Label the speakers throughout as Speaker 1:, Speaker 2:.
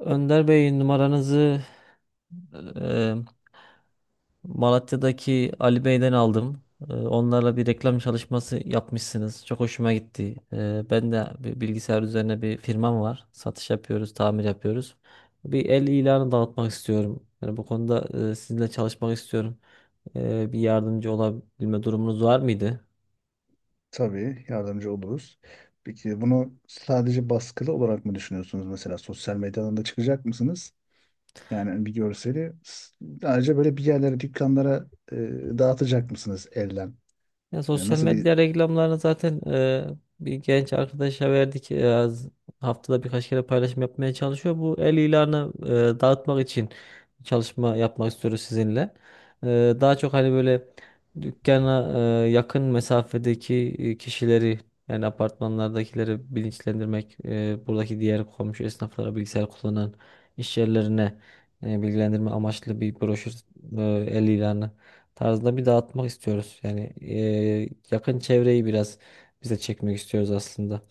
Speaker 1: Önder Bey, numaranızı e, Malatya'daki Ali Bey'den aldım. Onlarla bir reklam çalışması yapmışsınız. Çok hoşuma gitti. Ben de bir bilgisayar üzerine bir firmam var. Satış yapıyoruz, tamir yapıyoruz. Bir el ilanı dağıtmak istiyorum. Yani bu konuda sizinle çalışmak istiyorum. Bir yardımcı olabilme durumunuz var mıydı?
Speaker 2: Tabii yardımcı oluruz. Peki bunu sadece baskılı olarak mı düşünüyorsunuz, mesela sosyal medyadan da çıkacak mısınız? Yani bir görseli sadece böyle bir yerlere, dükkanlara e, dağıtacak mısınız elden?
Speaker 1: Ya
Speaker 2: Yani
Speaker 1: sosyal
Speaker 2: nasıl bir
Speaker 1: medya reklamlarını zaten bir genç arkadaşa verdik. Haftada birkaç kere paylaşım yapmaya çalışıyor. Bu el ilanı dağıtmak için çalışma yapmak istiyoruz sizinle. E, Daha çok hani böyle dükkana, yakın mesafedeki kişileri, yani apartmanlardakileri bilinçlendirmek, buradaki diğer komşu esnaflara, bilgisayar kullanan iş yerlerine bilgilendirme amaçlı bir broşür, e, el ilanı tarzında bir dağıtmak istiyoruz. Yani yakın çevreyi biraz bize çekmek istiyoruz aslında.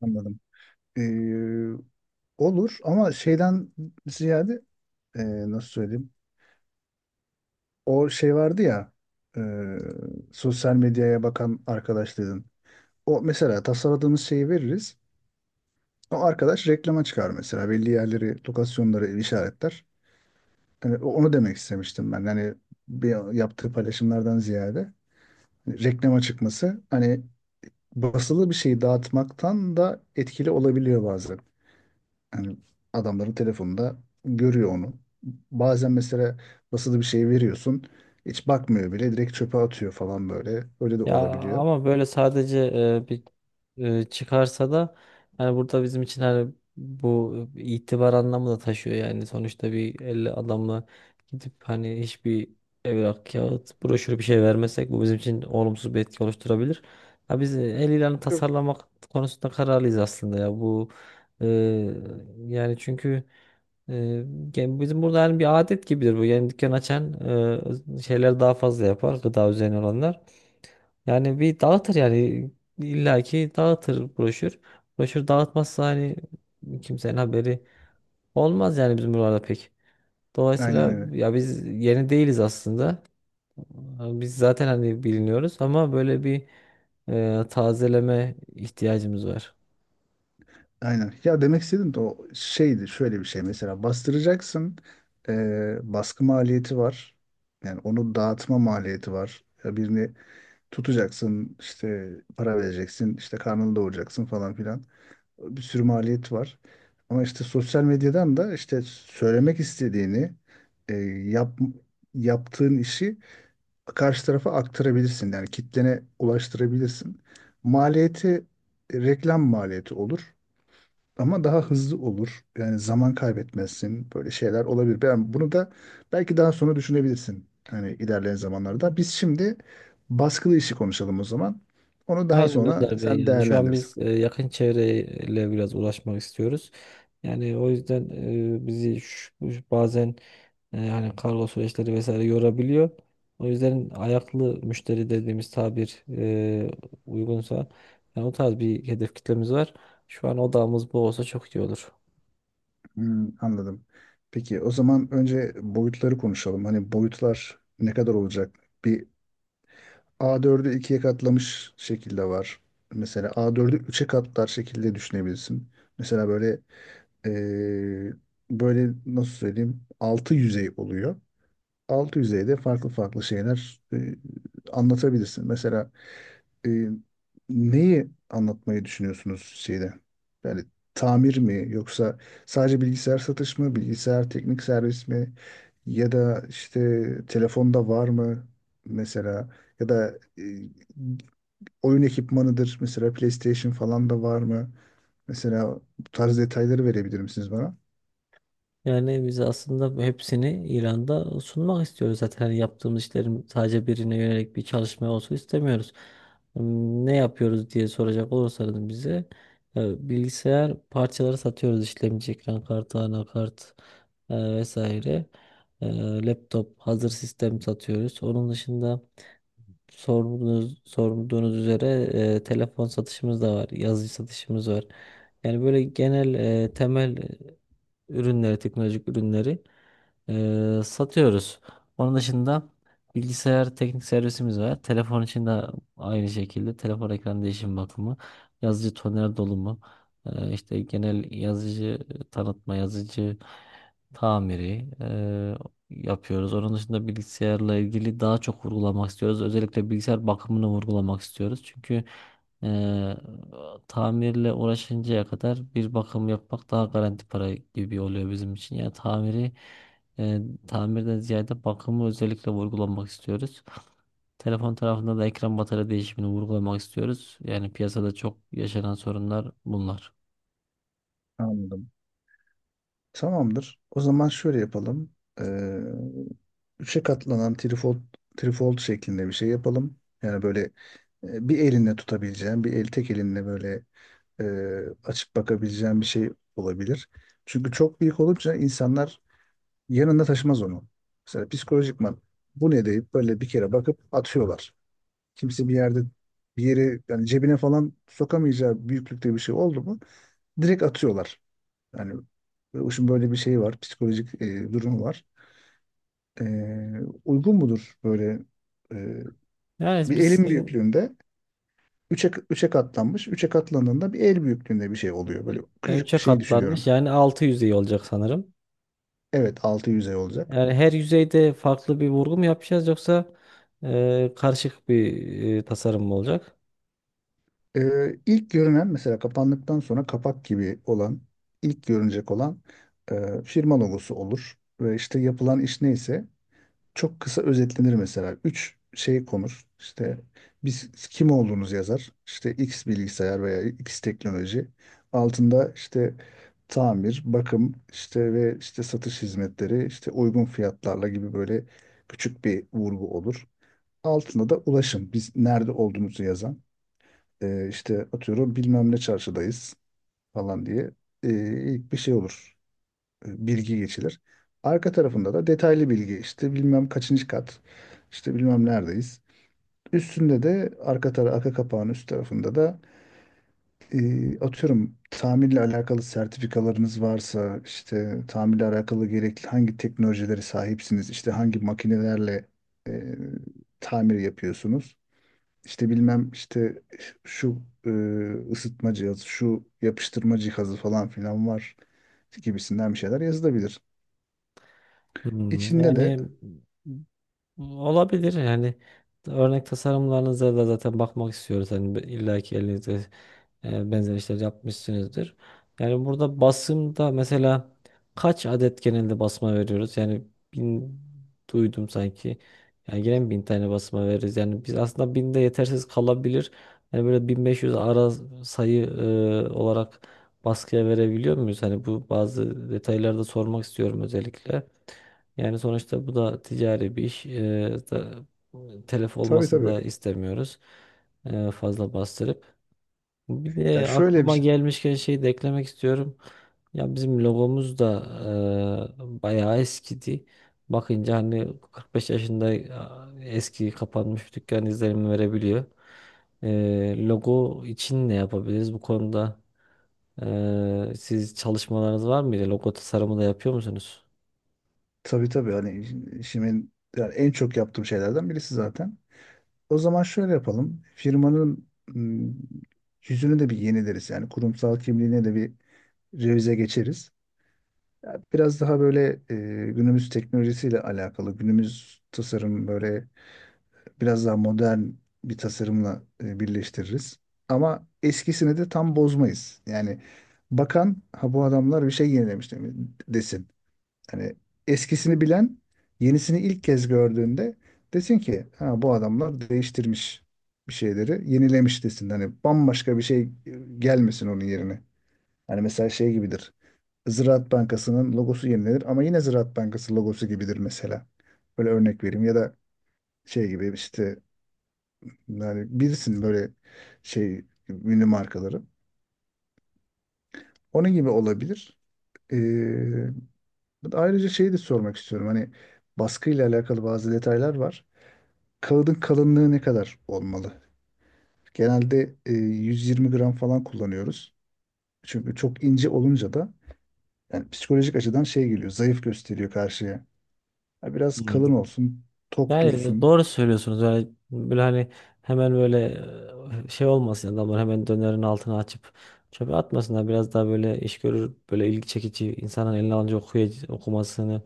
Speaker 2: Anladım. E, olur ama şeyden ziyade, e, nasıl söyleyeyim? O şey vardı ya, e, sosyal medyaya bakan arkadaşların. O mesela tasarladığımız şeyi veririz. O arkadaş reklama çıkar mesela. Belli yerleri, lokasyonları işaretler. Hani onu demek istemiştim ben. Hani bir yaptığı paylaşımlardan ziyade, hani reklama çıkması, hani basılı bir şeyi dağıtmaktan da etkili olabiliyor bazen. Hani adamların telefonunda görüyor onu. Bazen mesela basılı bir şey veriyorsun, hiç bakmıyor bile, direkt çöpe atıyor falan böyle. Öyle de
Speaker 1: Ya
Speaker 2: olabiliyor.
Speaker 1: ama böyle sadece bir çıkarsa da, hani burada bizim için hani bu itibar anlamı da taşıyor, yani sonuçta bir 50 adamla gidip hani hiçbir evrak, kağıt, broşür bir şey vermesek bu bizim için olumsuz bir etki oluşturabilir. Ha biz el ilanı
Speaker 2: Yok.
Speaker 1: tasarlamak konusunda kararlıyız aslında ya, bu eee, yani çünkü Ee, yani bizim burada yani bir adet gibidir bu. Yani dükkan açan şeyler daha fazla yapar. Gıda üzerine olanlar. Yani bir dağıtır yani. İllaki dağıtır broşür. Broşür dağıtmazsa hani kimsenin haberi olmaz, yani bizim buralarda pek.
Speaker 2: Aynen,
Speaker 1: Dolayısıyla
Speaker 2: aynen.
Speaker 1: ya biz yeni değiliz aslında. Biz zaten hani biliniyoruz ama böyle bir tazeleme ihtiyacımız var.
Speaker 2: Aynen. Ya demek istedim de, o şeydi şöyle bir şey, mesela bastıracaksın, baskı maliyeti var. Yani onu dağıtma maliyeti var. Ya birini tutacaksın işte, para vereceksin işte, karnını doyuracaksın falan filan. Bir sürü maliyet var. Ama işte sosyal medyadan da işte söylemek istediğini eee, yap, yaptığın işi karşı tarafa aktarabilirsin. Yani kitlene ulaştırabilirsin. Maliyeti, reklam maliyeti olur ama daha hızlı olur. Yani zaman kaybetmezsin. Böyle şeyler olabilir. Ben bunu da belki daha sonra düşünebilirsin, hani ilerleyen zamanlarda. Biz şimdi baskılı işi konuşalım o zaman. Onu daha
Speaker 1: Aynen
Speaker 2: sonra
Speaker 1: Önder Bey,
Speaker 2: sen
Speaker 1: yani şu an
Speaker 2: değerlendirirsin.
Speaker 1: biz yakın çevreyle biraz uğraşmak istiyoruz. Yani o yüzden bizi şu- şu bazen hani kargo süreçleri vesaire yorabiliyor. O yüzden ayaklı müşteri dediğimiz tabir, uygunsa yani o tarz bir hedef kitlemiz var. Şu an odağımız bu olsa çok iyi olur.
Speaker 2: Hmm, anladım. Peki o zaman önce boyutları konuşalım. Hani boyutlar ne kadar olacak? Bir A4'ü ikiye katlamış şekilde var. Mesela A4'ü üçe katlar şekilde düşünebilirsin. Mesela böyle, Ee, böyle nasıl söyleyeyim, altı yüzey oluyor. Altı yüzeyde farklı farklı şeyler anlatabilirsin. Mesela, e, neyi anlatmayı düşünüyorsunuz şeyde? Yani tamir mi yoksa sadece bilgisayar satış mı, bilgisayar teknik servis mi, ya da işte telefonda var mı mesela, ya da oyun ekipmanıdır mesela, PlayStation falan da var mı? Mesela bu tarz detayları verebilir misiniz bana?
Speaker 1: Yani biz aslında hepsini İran'da sunmak istiyoruz zaten. Hani yaptığımız işlerin sadece birine yönelik bir çalışma olsun istemiyoruz. Ne yapıyoruz diye soracak olursanız bize bilgisayar parçaları satıyoruz. İşlemci, ekran kartı, anakart, vesaire. E, Laptop, hazır sistem satıyoruz. Onun dışında sorduğunuz üzere telefon satışımız da var, yazıcı satışımız var. Yani böyle genel, temel ürünleri, teknolojik ürünleri satıyoruz. Onun dışında bilgisayar teknik servisimiz var. Telefon için de aynı şekilde telefon ekran değişim bakımı, yazıcı toner dolumu, işte genel yazıcı tanıtma, yazıcı tamiri yapıyoruz. Onun dışında bilgisayarla ilgili daha çok vurgulamak istiyoruz. Özellikle bilgisayar bakımını vurgulamak istiyoruz. Çünkü eee, tamirle uğraşıncaya kadar bir bakım yapmak daha garanti para gibi oluyor bizim için. Yani tamiri, eee, tamirden ziyade bakımı özellikle vurgulamak istiyoruz. Telefon tarafında da ekran batarya değişimini vurgulamak istiyoruz. Yani piyasada çok yaşanan sorunlar bunlar.
Speaker 2: Anladım. Tamamdır. O zaman şöyle yapalım. Ee, Üçe katlanan trifold, trifold şeklinde bir şey yapalım. Yani böyle, bir elinle tutabileceğin, bir el tek elinle böyle, e, açıp bakabileceğin bir şey olabilir. Çünkü çok büyük olunca insanlar yanında taşımaz onu. Mesela psikolojikman bu ne deyip böyle bir kere bakıp atıyorlar. Kimse bir yerde bir yere, yani cebine falan sokamayacağı büyüklükte bir şey oldu mu direkt atıyorlar. Yani bu böyle bir şeyi var, psikolojik durumu var. E, Uygun mudur böyle, e,
Speaker 1: Yani
Speaker 2: bir
Speaker 1: biz
Speaker 2: elin
Speaker 1: sizin
Speaker 2: büyüklüğünde üçe, üçe katlanmış. Üçe katlandığında bir el büyüklüğünde bir şey oluyor. Böyle küçücük
Speaker 1: 3'e
Speaker 2: bir şey
Speaker 1: katlanmış,
Speaker 2: düşünüyorum.
Speaker 1: yani 6 yüz iyi olacak sanırım.
Speaker 2: Evet, altı yüzey olacak.
Speaker 1: Yani her yüzeyde farklı bir vurgu mu yapacağız, yoksa karışık bir tasarım mı olacak?
Speaker 2: İlk görünen, mesela kapandıktan sonra kapak gibi olan, ilk görünecek olan firma logosu olur ve işte yapılan iş neyse çok kısa özetlenir mesela. Üç şey konur. İşte biz kim olduğunuz yazar, İşte X bilgisayar veya X teknoloji. Altında işte tamir, bakım işte ve işte satış hizmetleri, işte uygun fiyatlarla gibi böyle küçük bir vurgu olur. Altında da ulaşım, biz nerede olduğumuzu yazan. İşte atıyorum bilmem ne çarşıdayız falan diye e, ilk bir şey olur. Bilgi geçilir. Arka tarafında da detaylı bilgi, işte bilmem kaçıncı kat, işte bilmem neredeyiz. Üstünde de arka kapağın üst tarafında da atıyorum tamirle alakalı sertifikalarınız varsa, işte tamirle alakalı gerekli hangi teknolojileri sahipsiniz, işte hangi makinelerle e, tamir yapıyorsunuz, işte bilmem işte şu ısıtma cihazı, şu yapıştırma cihazı falan filan var gibisinden bir şeyler yazılabilir. İçinde de
Speaker 1: Yani olabilir, yani örnek tasarımlarınıza da zaten bakmak istiyoruz. Hani illaki elinizde benzer işler yapmışsınızdır. Yani burada basımda mesela kaç adet genelde basma veriyoruz? Yani 1.000 duydum sanki. Yani gene mi 1.000 tane basma veririz? Yani biz aslında binde yetersiz kalabilir. Yani böyle 1.500 ara sayı olarak baskıya verebiliyor muyuz? Hani bu bazı detaylarda sormak istiyorum özellikle. Yani sonuçta bu da ticari bir iş. Telef
Speaker 2: tabii,
Speaker 1: olmasını
Speaker 2: tabii.
Speaker 1: da istemiyoruz. Fazla bastırıp. Bir
Speaker 2: Ya
Speaker 1: de
Speaker 2: şöyle bir
Speaker 1: aklıma
Speaker 2: şey.
Speaker 1: gelmişken şey de eklemek istiyorum. Ya bizim logomuz da bayağı eskidi. Bakınca hani 45 yaşında, eski kapanmış bir dükkan izlenimi verebiliyor. Logo için ne yapabiliriz bu konuda? Siz çalışmalarınız var mıydı? Logo tasarımı da yapıyor musunuz?
Speaker 2: Tabii, tabii, hani işimin yani en çok yaptığım şeylerden birisi zaten. O zaman şöyle yapalım. Firmanın yüzünü de bir yenileriz. Yani kurumsal kimliğine de bir revize geçeriz. Ya biraz daha böyle, günümüz teknolojisiyle alakalı, günümüz tasarım böyle biraz daha modern bir tasarımla birleştiririz. Ama eskisini de tam bozmayız. Yani bakan, ha bu adamlar bir şey yenilemiş desin. Hani eskisini bilen yenisini ilk kez gördüğünde desin ki ha bu adamlar değiştirmiş, bir şeyleri yenilemiş desin. Hani bambaşka bir şey gelmesin onun yerine. Hani mesela şey gibidir, Ziraat Bankası'nın logosu yenilenir ama yine Ziraat Bankası logosu gibidir mesela. Böyle örnek vereyim, ya da şey gibi işte, yani bilirsin böyle şey ünlü markaları. Onun gibi olabilir. Ee, Ayrıca şeyi de sormak istiyorum. Hani baskıyla alakalı bazı detaylar var. Kağıdın kalınlığı ne kadar olmalı? Genelde, 120 gram falan kullanıyoruz. Çünkü çok ince olunca da yani psikolojik açıdan şey geliyor, zayıf gösteriyor karşıya. Ha, biraz kalın olsun, tok
Speaker 1: Yani
Speaker 2: dursun.
Speaker 1: doğru söylüyorsunuz. Yani böyle hani hemen böyle şey olmasın, yani adamlar hemen dönerin altına açıp çöpe atmasınlar. Biraz daha böyle iş görür, böyle ilgi çekici, insanın eline alınca okumasını,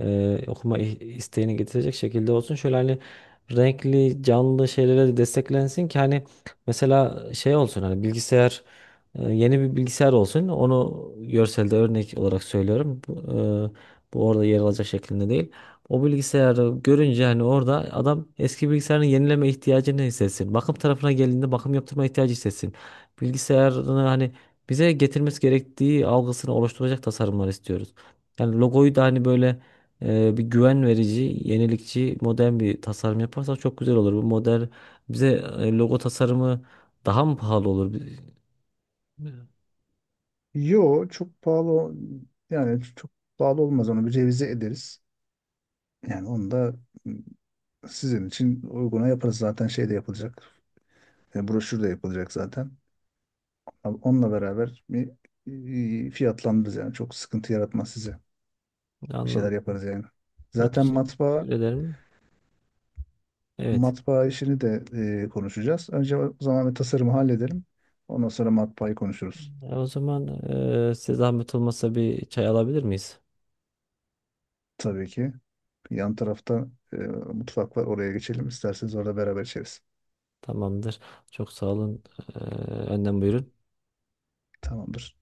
Speaker 1: isteğini getirecek şekilde olsun. Şöyle hani renkli, canlı şeylere de desteklensin ki hani mesela şey olsun, hani bilgisayar, yeni bir bilgisayar olsun. Onu görselde örnek olarak söylüyorum. Bu orada yer alacak şeklinde değil. O bilgisayarı görünce hani orada adam eski bilgisayarını yenileme ihtiyacını hissetsin. Bakım tarafına geldiğinde bakım yaptırma ihtiyacı hissetsin. Bilgisayarını hani bize getirmesi gerektiği algısını oluşturacak tasarımlar istiyoruz. Yani logoyu da hani böyle, bir güven verici, yenilikçi, modern bir tasarım yaparsak çok güzel olur. Bu model bize logo tasarımı daha mı pahalı olur?
Speaker 2: Yo çok pahalı, yani çok pahalı olmaz, onu bir revize ederiz. Yani onu da sizin için uyguna yaparız, zaten şey de yapılacak. Broşür de yapılacak zaten. Ama onunla beraber bir fiyatlandırırız, yani çok sıkıntı yaratmaz size. Bir
Speaker 1: Anladım.
Speaker 2: şeyler yaparız yani.
Speaker 1: Çok
Speaker 2: Zaten
Speaker 1: teşekkür
Speaker 2: matbaa
Speaker 1: ederim. Evet.
Speaker 2: matbaa işini de konuşacağız. Önce o zaman bir tasarımı halledelim. Ondan sonra matbaayı konuşuruz.
Speaker 1: O zaman size zahmet olmasa bir çay alabilir miyiz?
Speaker 2: Tabii ki. Yan tarafta mutfak var. Oraya geçelim. İsterseniz orada beraber içeriz.
Speaker 1: Tamamdır. Çok sağ olun. Ee, Önden buyurun.
Speaker 2: Tamamdır.